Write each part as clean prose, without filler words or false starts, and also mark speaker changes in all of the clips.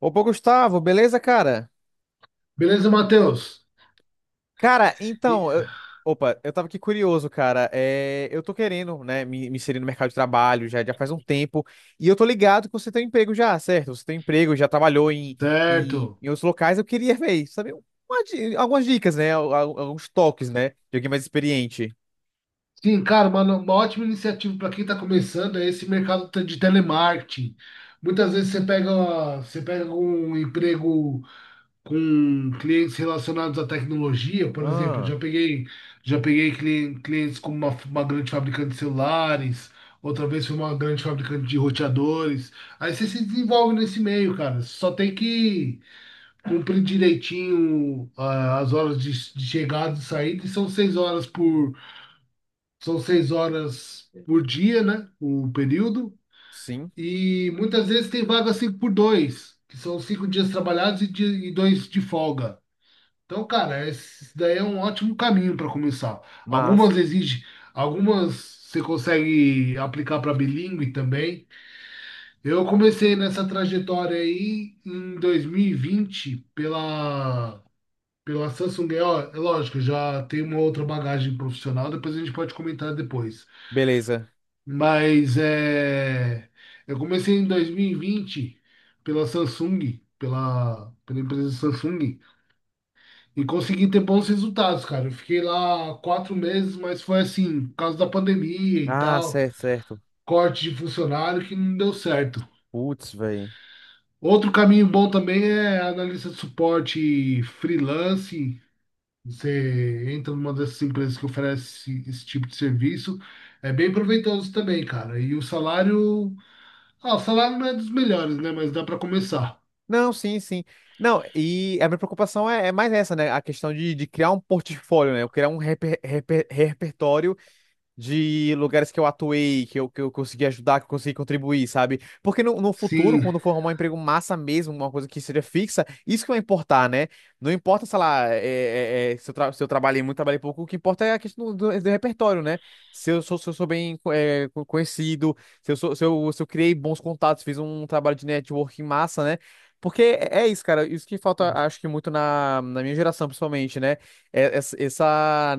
Speaker 1: Opa, Gustavo, beleza, cara?
Speaker 2: Beleza, Matheus?
Speaker 1: Cara,
Speaker 2: E-
Speaker 1: então, eu tava aqui curioso, cara. É, eu tô querendo, né, me inserir no mercado de trabalho já, já faz um tempo. E eu tô ligado que você tem um emprego já, certo? Você tem um emprego, já trabalhou
Speaker 2: Certo.
Speaker 1: em outros locais. Eu queria ver, saber algumas dicas, né? Alguns toques, né? De alguém mais experiente.
Speaker 2: Sim, cara, uma ótima iniciativa para quem está começando é esse de telemarketing. Muitas vezes você pega um emprego com clientes relacionados à tecnologia, por exemplo,
Speaker 1: Ah,
Speaker 2: já peguei clientes com uma grande fabricante de celulares, outra vez foi uma grande fabricante de roteadores. Aí você se desenvolve nesse meio, cara. Só tem que cumpre direitinho as horas de chegada e saída, e são seis horas por dia, né? O período.
Speaker 1: sim,
Speaker 2: E muitas vezes tem vaga cinco por dois, que são cinco dias trabalhados e dois de folga. Então, cara, isso daí é um ótimo caminho para começar.
Speaker 1: mas,
Speaker 2: Algumas exigem algumas você consegue aplicar para bilíngue também. Eu comecei nessa trajetória aí em 2020 pela Samsung, é, ó, é lógico, já tem uma outra bagagem profissional, depois a gente pode comentar depois.
Speaker 1: beleza.
Speaker 2: Mas é, eu comecei em 2020 pela Samsung, pela empresa Samsung, e consegui ter bons resultados, cara. Eu fiquei lá quatro meses, mas foi assim, por causa da pandemia e
Speaker 1: Ah,
Speaker 2: tal,
Speaker 1: certo, certo.
Speaker 2: corte de funcionário que não deu certo.
Speaker 1: Putz, velho.
Speaker 2: Outro caminho bom também é analista de suporte freelance. Você entra numa dessas empresas que oferece esse tipo de serviço, é bem proveitoso também, cara. E o salário, ah, o salário não é dos melhores, né? Mas dá para começar.
Speaker 1: Não, sim, sim. Não, e a minha preocupação é, é mais essa, né? A questão de criar um portfólio, né? Eu criar um repertório de lugares que eu atuei, que eu consegui ajudar, que eu consegui contribuir, sabe? Porque no futuro,
Speaker 2: Sim.
Speaker 1: quando for arrumar um emprego massa mesmo, uma coisa que seja fixa, isso que vai importar, né? Não importa, sei lá, se eu, tra se eu trabalhei muito, trabalhei pouco, o que importa é a questão do, do repertório, né? Se eu sou, se eu sou bem é, conhecido, se eu, sou, se eu, se eu criei bons contatos, fiz um trabalho de networking massa, né? Porque é isso, cara, isso que falta, acho que muito na, na minha geração, principalmente, né? Essa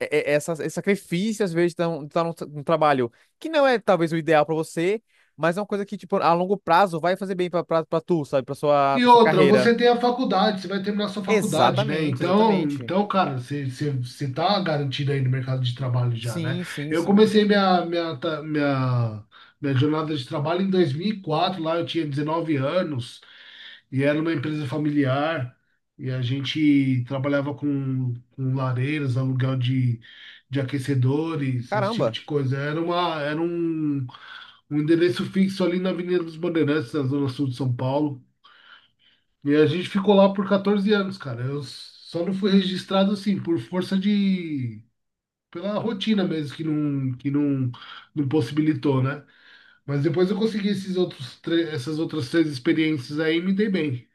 Speaker 1: esse sacrifício, às vezes, de tá, um trabalho que não é talvez o ideal pra você, mas é uma coisa que, tipo, a longo prazo vai fazer bem pra tu, sabe?
Speaker 2: E
Speaker 1: Pra sua
Speaker 2: outra,
Speaker 1: carreira.
Speaker 2: você tem a faculdade, você vai terminar sua faculdade, né?
Speaker 1: Exatamente,
Speaker 2: Então,
Speaker 1: exatamente.
Speaker 2: então, cara, você tá garantido aí no mercado de trabalho já, né?
Speaker 1: Sim, sim,
Speaker 2: Eu
Speaker 1: sim.
Speaker 2: comecei minha jornada de trabalho em 2004, lá eu tinha 19 anos. E era uma empresa familiar, e a gente trabalhava com lareiras, aluguel de aquecedores, esse tipo
Speaker 1: Caramba.
Speaker 2: de coisa. Era uma, era um, um endereço fixo ali na Avenida dos Bandeirantes, na Zona Sul de São Paulo. E a gente ficou lá por 14 anos, cara. Eu só não fui registrado assim, por força de. Pela rotina mesmo, que não, não possibilitou, né? Mas depois eu consegui esses essas outras três experiências aí e me dei bem.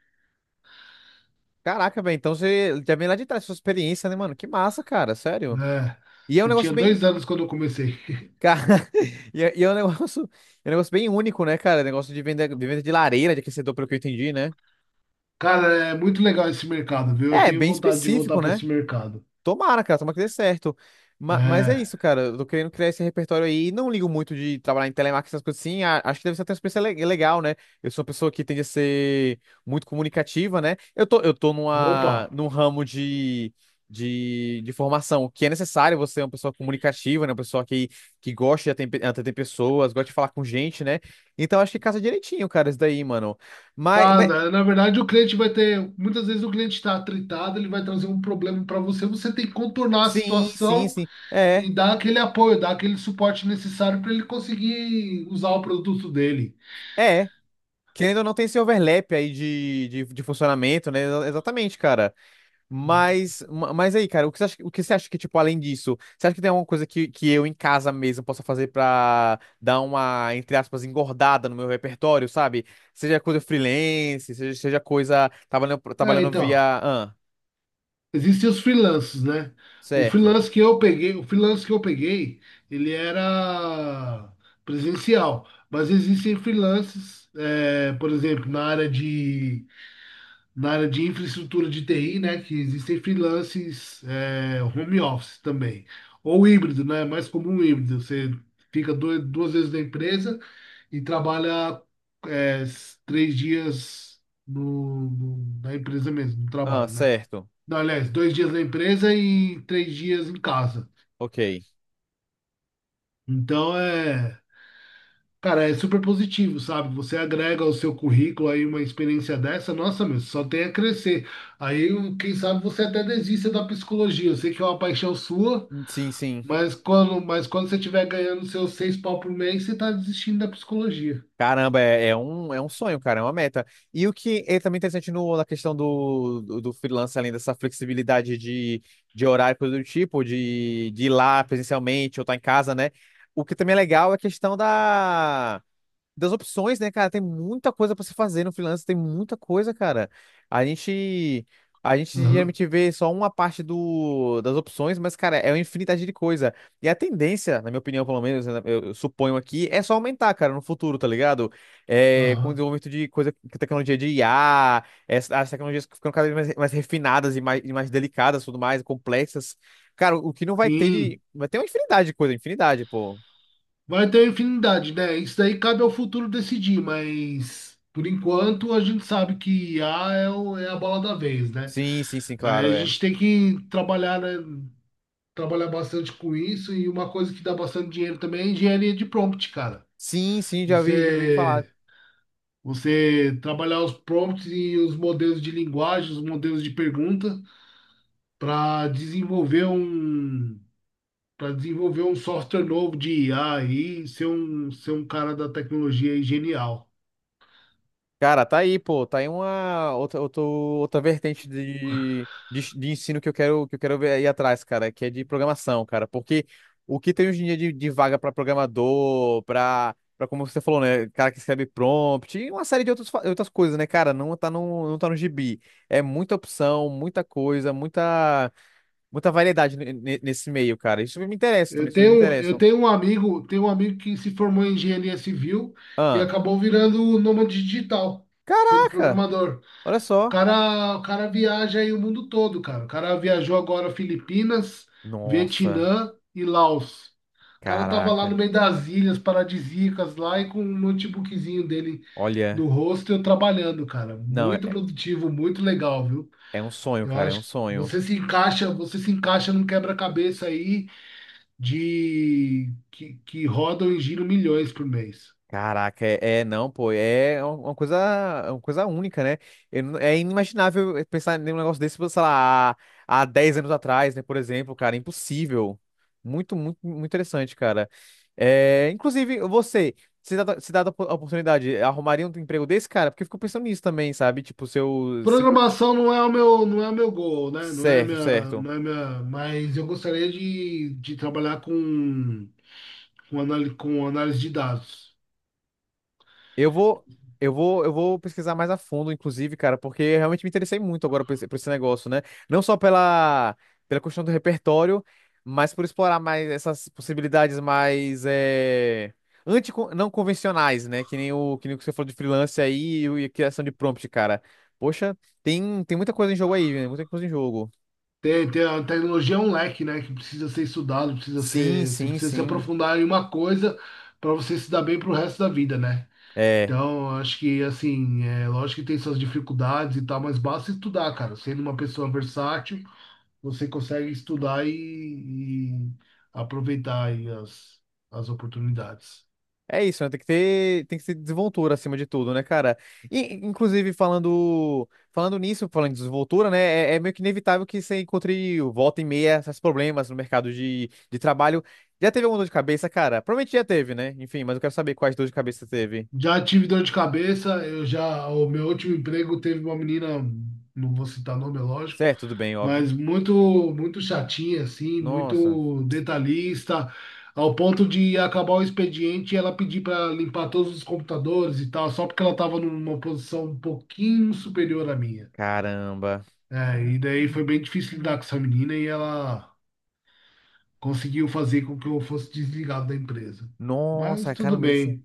Speaker 1: Caraca, velho. Então você já vem lá de trás, sua experiência, né, mano? Que massa, cara. Sério.
Speaker 2: É,
Speaker 1: E é um
Speaker 2: eu tinha
Speaker 1: negócio
Speaker 2: dois
Speaker 1: bem.
Speaker 2: anos quando eu comecei.
Speaker 1: Cara, e é um negócio bem único, né, cara? Negócio de venda, de venda de lareira, de aquecedor, pelo que eu entendi, né?
Speaker 2: Cara, é muito legal esse mercado, viu? Eu
Speaker 1: É,
Speaker 2: tenho
Speaker 1: bem
Speaker 2: vontade de voltar
Speaker 1: específico,
Speaker 2: para
Speaker 1: né?
Speaker 2: esse mercado.
Speaker 1: Tomara, cara, tomara que dê certo. Mas é
Speaker 2: É.
Speaker 1: isso, cara. Eu tô querendo criar esse repertório aí. E não ligo muito de trabalhar em telemarketing, essas coisas assim. Acho que deve ser até uma experiência legal, né? Eu sou uma pessoa que tende a ser muito comunicativa, né? Eu tô
Speaker 2: Opa.
Speaker 1: num ramo de formação que é necessário você ser uma pessoa comunicativa, né? Uma pessoa que gosta de atender pessoas, gosta de falar com gente, né? Então acho que casa direitinho, cara, isso daí, mano. Mas
Speaker 2: Cara, na verdade o cliente vai ter. Muitas vezes o cliente está tritado, ele vai trazer um problema para você. Você tem que contornar a
Speaker 1: sim, sim,
Speaker 2: situação
Speaker 1: sim. É.
Speaker 2: e dar aquele apoio, dar aquele suporte necessário para ele conseguir usar o produto dele.
Speaker 1: É, querendo ou não, tem esse overlap aí de funcionamento, né? Exatamente, cara. Mas, mas aí, cara, o que você acha, o que você acha que, tipo, além disso, você acha que tem alguma coisa que eu em casa mesmo possa fazer pra dar uma, entre aspas, engordada no meu repertório, sabe? Seja coisa freelance, seja coisa trabalhando,
Speaker 2: É,
Speaker 1: trabalhando
Speaker 2: então.
Speaker 1: via. Ah,
Speaker 2: Existem os freelances, né?
Speaker 1: certo.
Speaker 2: O freelance que eu peguei, ele era presencial, mas existem freelances, é, por exemplo, na área de infraestrutura de TI, né? Que existem freelances, é, home office também, ou híbrido, né? É mais comum híbrido, você fica dois, duas vezes na empresa e trabalha, três dias na empresa mesmo, no
Speaker 1: Ah,
Speaker 2: trabalho, né?
Speaker 1: certo.
Speaker 2: Não, aliás, dois dias na empresa e três dias em casa.
Speaker 1: Ok.
Speaker 2: Então é, cara, é super positivo, sabe? Você agrega ao seu currículo aí uma experiência dessa, nossa, meu, só tem a crescer. Aí, um, quem sabe você até desista da psicologia. Eu sei que é uma paixão sua,
Speaker 1: Sim, sim.
Speaker 2: mas quando você estiver ganhando seus seis pau por mês, você tá desistindo da psicologia.
Speaker 1: Caramba, é um sonho, cara, é uma meta. E o que é também interessante no, na questão do freelance, além dessa flexibilidade de horário, coisa do tipo, de ir lá presencialmente ou estar em casa, né? O que também é legal é a questão da das opções, né, cara? Tem muita coisa pra se fazer no freelance, tem muita coisa, cara. A gente a gente
Speaker 2: Aham,
Speaker 1: geralmente vê só uma parte do, das opções, mas, cara, é uma infinidade de coisa. E a tendência, na minha opinião, pelo menos, né, eu suponho aqui, é só aumentar, cara, no futuro, tá ligado? É, com o
Speaker 2: aham.
Speaker 1: desenvolvimento de coisa, tecnologia de IA, essa as tecnologias que ficam cada vez mais, mais refinadas e mais delicadas, tudo mais, complexas. Cara, o que não vai ter
Speaker 2: Sim.
Speaker 1: de. Vai ter uma infinidade de coisa, infinidade, pô.
Speaker 2: Vai ter infinidade, né? Isso daí cabe ao futuro decidir, mas por enquanto a gente sabe que IA é, é a bola da vez, né?
Speaker 1: Sim, sim, sim,
Speaker 2: Aí
Speaker 1: claro,
Speaker 2: a
Speaker 1: é.
Speaker 2: gente tem que trabalhar, né? Trabalhar bastante com isso e uma coisa que dá bastante dinheiro também é engenharia de prompt, cara.
Speaker 1: Sim, sim, já vi falar.
Speaker 2: Você, você trabalhar os prompts e os modelos de linguagem, os modelos de pergunta para desenvolver um para desenvolver um software novo de IA e ser um cara da tecnologia aí genial.
Speaker 1: Cara, tá aí, pô, tá aí uma outra, outra vertente de ensino que eu quero ver aí atrás, cara, que é de programação, cara, porque o que tem hoje em dia de vaga pra programador, pra para como você falou, né, cara que escreve prompt, e uma série de outras, outras coisas, né, cara, não tá no, não tá no gibi. É muita opção, muita coisa, muita, muita variedade nesse meio, cara. Isso me interessa também, isso me
Speaker 2: Eu
Speaker 1: interessa.
Speaker 2: tenho um amigo que se formou em engenharia civil e
Speaker 1: Ah,
Speaker 2: acabou virando nômade digital, sendo
Speaker 1: caraca,
Speaker 2: programador.
Speaker 1: olha só.
Speaker 2: O cara viaja aí o mundo todo, cara. O cara viajou agora Filipinas,
Speaker 1: Nossa.
Speaker 2: Vietnã e Laos. O cara tava lá
Speaker 1: Caraca.
Speaker 2: no meio das ilhas paradisíacas lá e com um notebookzinho dele
Speaker 1: Olha,
Speaker 2: no rosto, trabalhando, cara.
Speaker 1: não,
Speaker 2: Muito produtivo, muito legal, viu?
Speaker 1: é um sonho,
Speaker 2: Eu
Speaker 1: cara, é um
Speaker 2: acho que
Speaker 1: sonho.
Speaker 2: você se encaixa num quebra-cabeça aí de que rodam e giram milhões por mês.
Speaker 1: Caraca, não, pô, é uma coisa, é uma coisa única, né? Eu não- é inimaginável é, pensar em um negócio desse, sei lá, há 10 anos atrás, né, por exemplo, cara, impossível. Muito, muito, muito interessante, cara. É, inclusive, você, se dá a oportunidade, arrumaria um emprego desse, cara? Porque eu fico pensando nisso também, sabe? Tipo, seu, seu...
Speaker 2: Programação não é o meu, não é o meu goal, né? Não é
Speaker 1: Certo,
Speaker 2: minha,
Speaker 1: certo.
Speaker 2: não é minha, mas eu gostaria de trabalhar com análise de dados.
Speaker 1: Eu vou, eu vou pesquisar mais a fundo, inclusive, cara, porque eu realmente me interessei muito agora por esse negócio, né? Não só pela, pela questão do repertório, mas por explorar mais essas possibilidades mais é, anti, não convencionais, né? Que nem o que nem o que você falou de freelance aí e a criação de prompt, cara. Poxa, tem, tem muita coisa em jogo aí, né? Muita coisa em jogo.
Speaker 2: Tem, tem a tecnologia é um leque, né? Que precisa ser estudado, precisa
Speaker 1: Sim,
Speaker 2: ser, você
Speaker 1: sim,
Speaker 2: precisa se
Speaker 1: sim.
Speaker 2: aprofundar em uma coisa para você se dar bem para o resto da vida, né?
Speaker 1: É.
Speaker 2: Então, acho que, assim, é lógico que tem suas dificuldades e tal, mas basta estudar, cara. Sendo uma pessoa versátil, você consegue estudar e aproveitar aí as oportunidades.
Speaker 1: É isso, né? Tem que ter desenvoltura acima de tudo, né, cara? E, inclusive, falando nisso, falando de desenvoltura, né? É, é meio que inevitável que você encontre volta e meia esses problemas no mercado de trabalho. Já teve alguma dor de cabeça, cara? Provavelmente já teve, né? Enfim, mas eu quero saber quais dor de cabeça teve.
Speaker 2: Já tive dor de cabeça, eu já, o meu último emprego teve uma menina, não vou citar nome, é lógico,
Speaker 1: Certo, tudo bem, óbvio.
Speaker 2: mas muito, muito chatinha, assim,
Speaker 1: Nossa,
Speaker 2: muito detalhista, ao ponto de acabar o expediente e ela pedir para limpar todos os computadores e tal, só porque ela estava numa posição um pouquinho superior à minha.
Speaker 1: caramba.
Speaker 2: É, e daí foi bem difícil lidar com essa menina e ela conseguiu fazer com que eu fosse desligado da empresa. Mas
Speaker 1: Nossa,
Speaker 2: tudo
Speaker 1: caramba, isso.
Speaker 2: bem,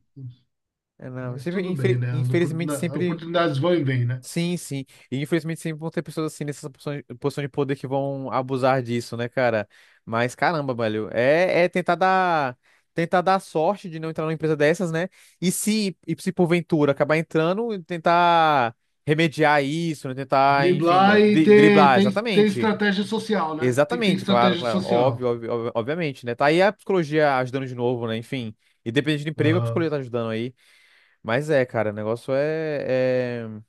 Speaker 1: não,
Speaker 2: mas
Speaker 1: sempre,
Speaker 2: tudo bem, né? As
Speaker 1: infelizmente, sempre.
Speaker 2: oportunidades vão e vêm, né?
Speaker 1: Sim, sim. E infelizmente sempre vão ter pessoas assim nessa posição de poder que vão abusar disso, né, cara? Mas caramba, velho, é, tentar dar sorte de não entrar numa empresa dessas, né? E se porventura acabar entrando, tentar remediar isso, né? Tentar, enfim,
Speaker 2: Driblar
Speaker 1: né,
Speaker 2: e
Speaker 1: driblar,
Speaker 2: ter
Speaker 1: exatamente.
Speaker 2: estratégia social, né? Tem que ter
Speaker 1: Exatamente, claro,
Speaker 2: estratégia
Speaker 1: claro.
Speaker 2: social.
Speaker 1: Obviamente, né? Tá aí a psicologia ajudando de novo, né? Enfim, independente do emprego, a psicologia
Speaker 2: Aham.
Speaker 1: tá ajudando aí. Mas é, cara, o negócio é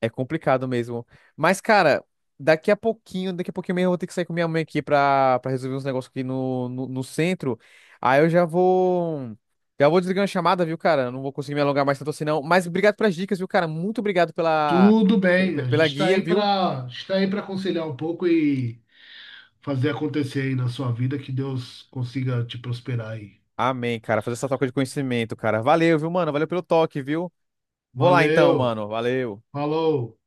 Speaker 1: é complicado mesmo. Mas, cara, daqui a pouquinho mesmo eu vou ter que sair com minha mãe aqui pra, pra resolver uns negócios aqui no, no, no centro. Aí eu já vou. Já vou desligar a chamada, viu, cara? Eu não vou conseguir me alongar mais tanto assim, não. Mas obrigado pelas dicas, viu, cara? Muito obrigado pela,
Speaker 2: Tudo bem, a gente
Speaker 1: pela guia, viu?
Speaker 2: está aí para aconselhar um pouco e fazer acontecer aí na sua vida, que Deus consiga te prosperar aí.
Speaker 1: Amém, cara. Fazer essa troca de conhecimento, cara. Valeu, viu, mano? Valeu pelo toque, viu? Vou lá então,
Speaker 2: Valeu,
Speaker 1: mano. Valeu.
Speaker 2: falou.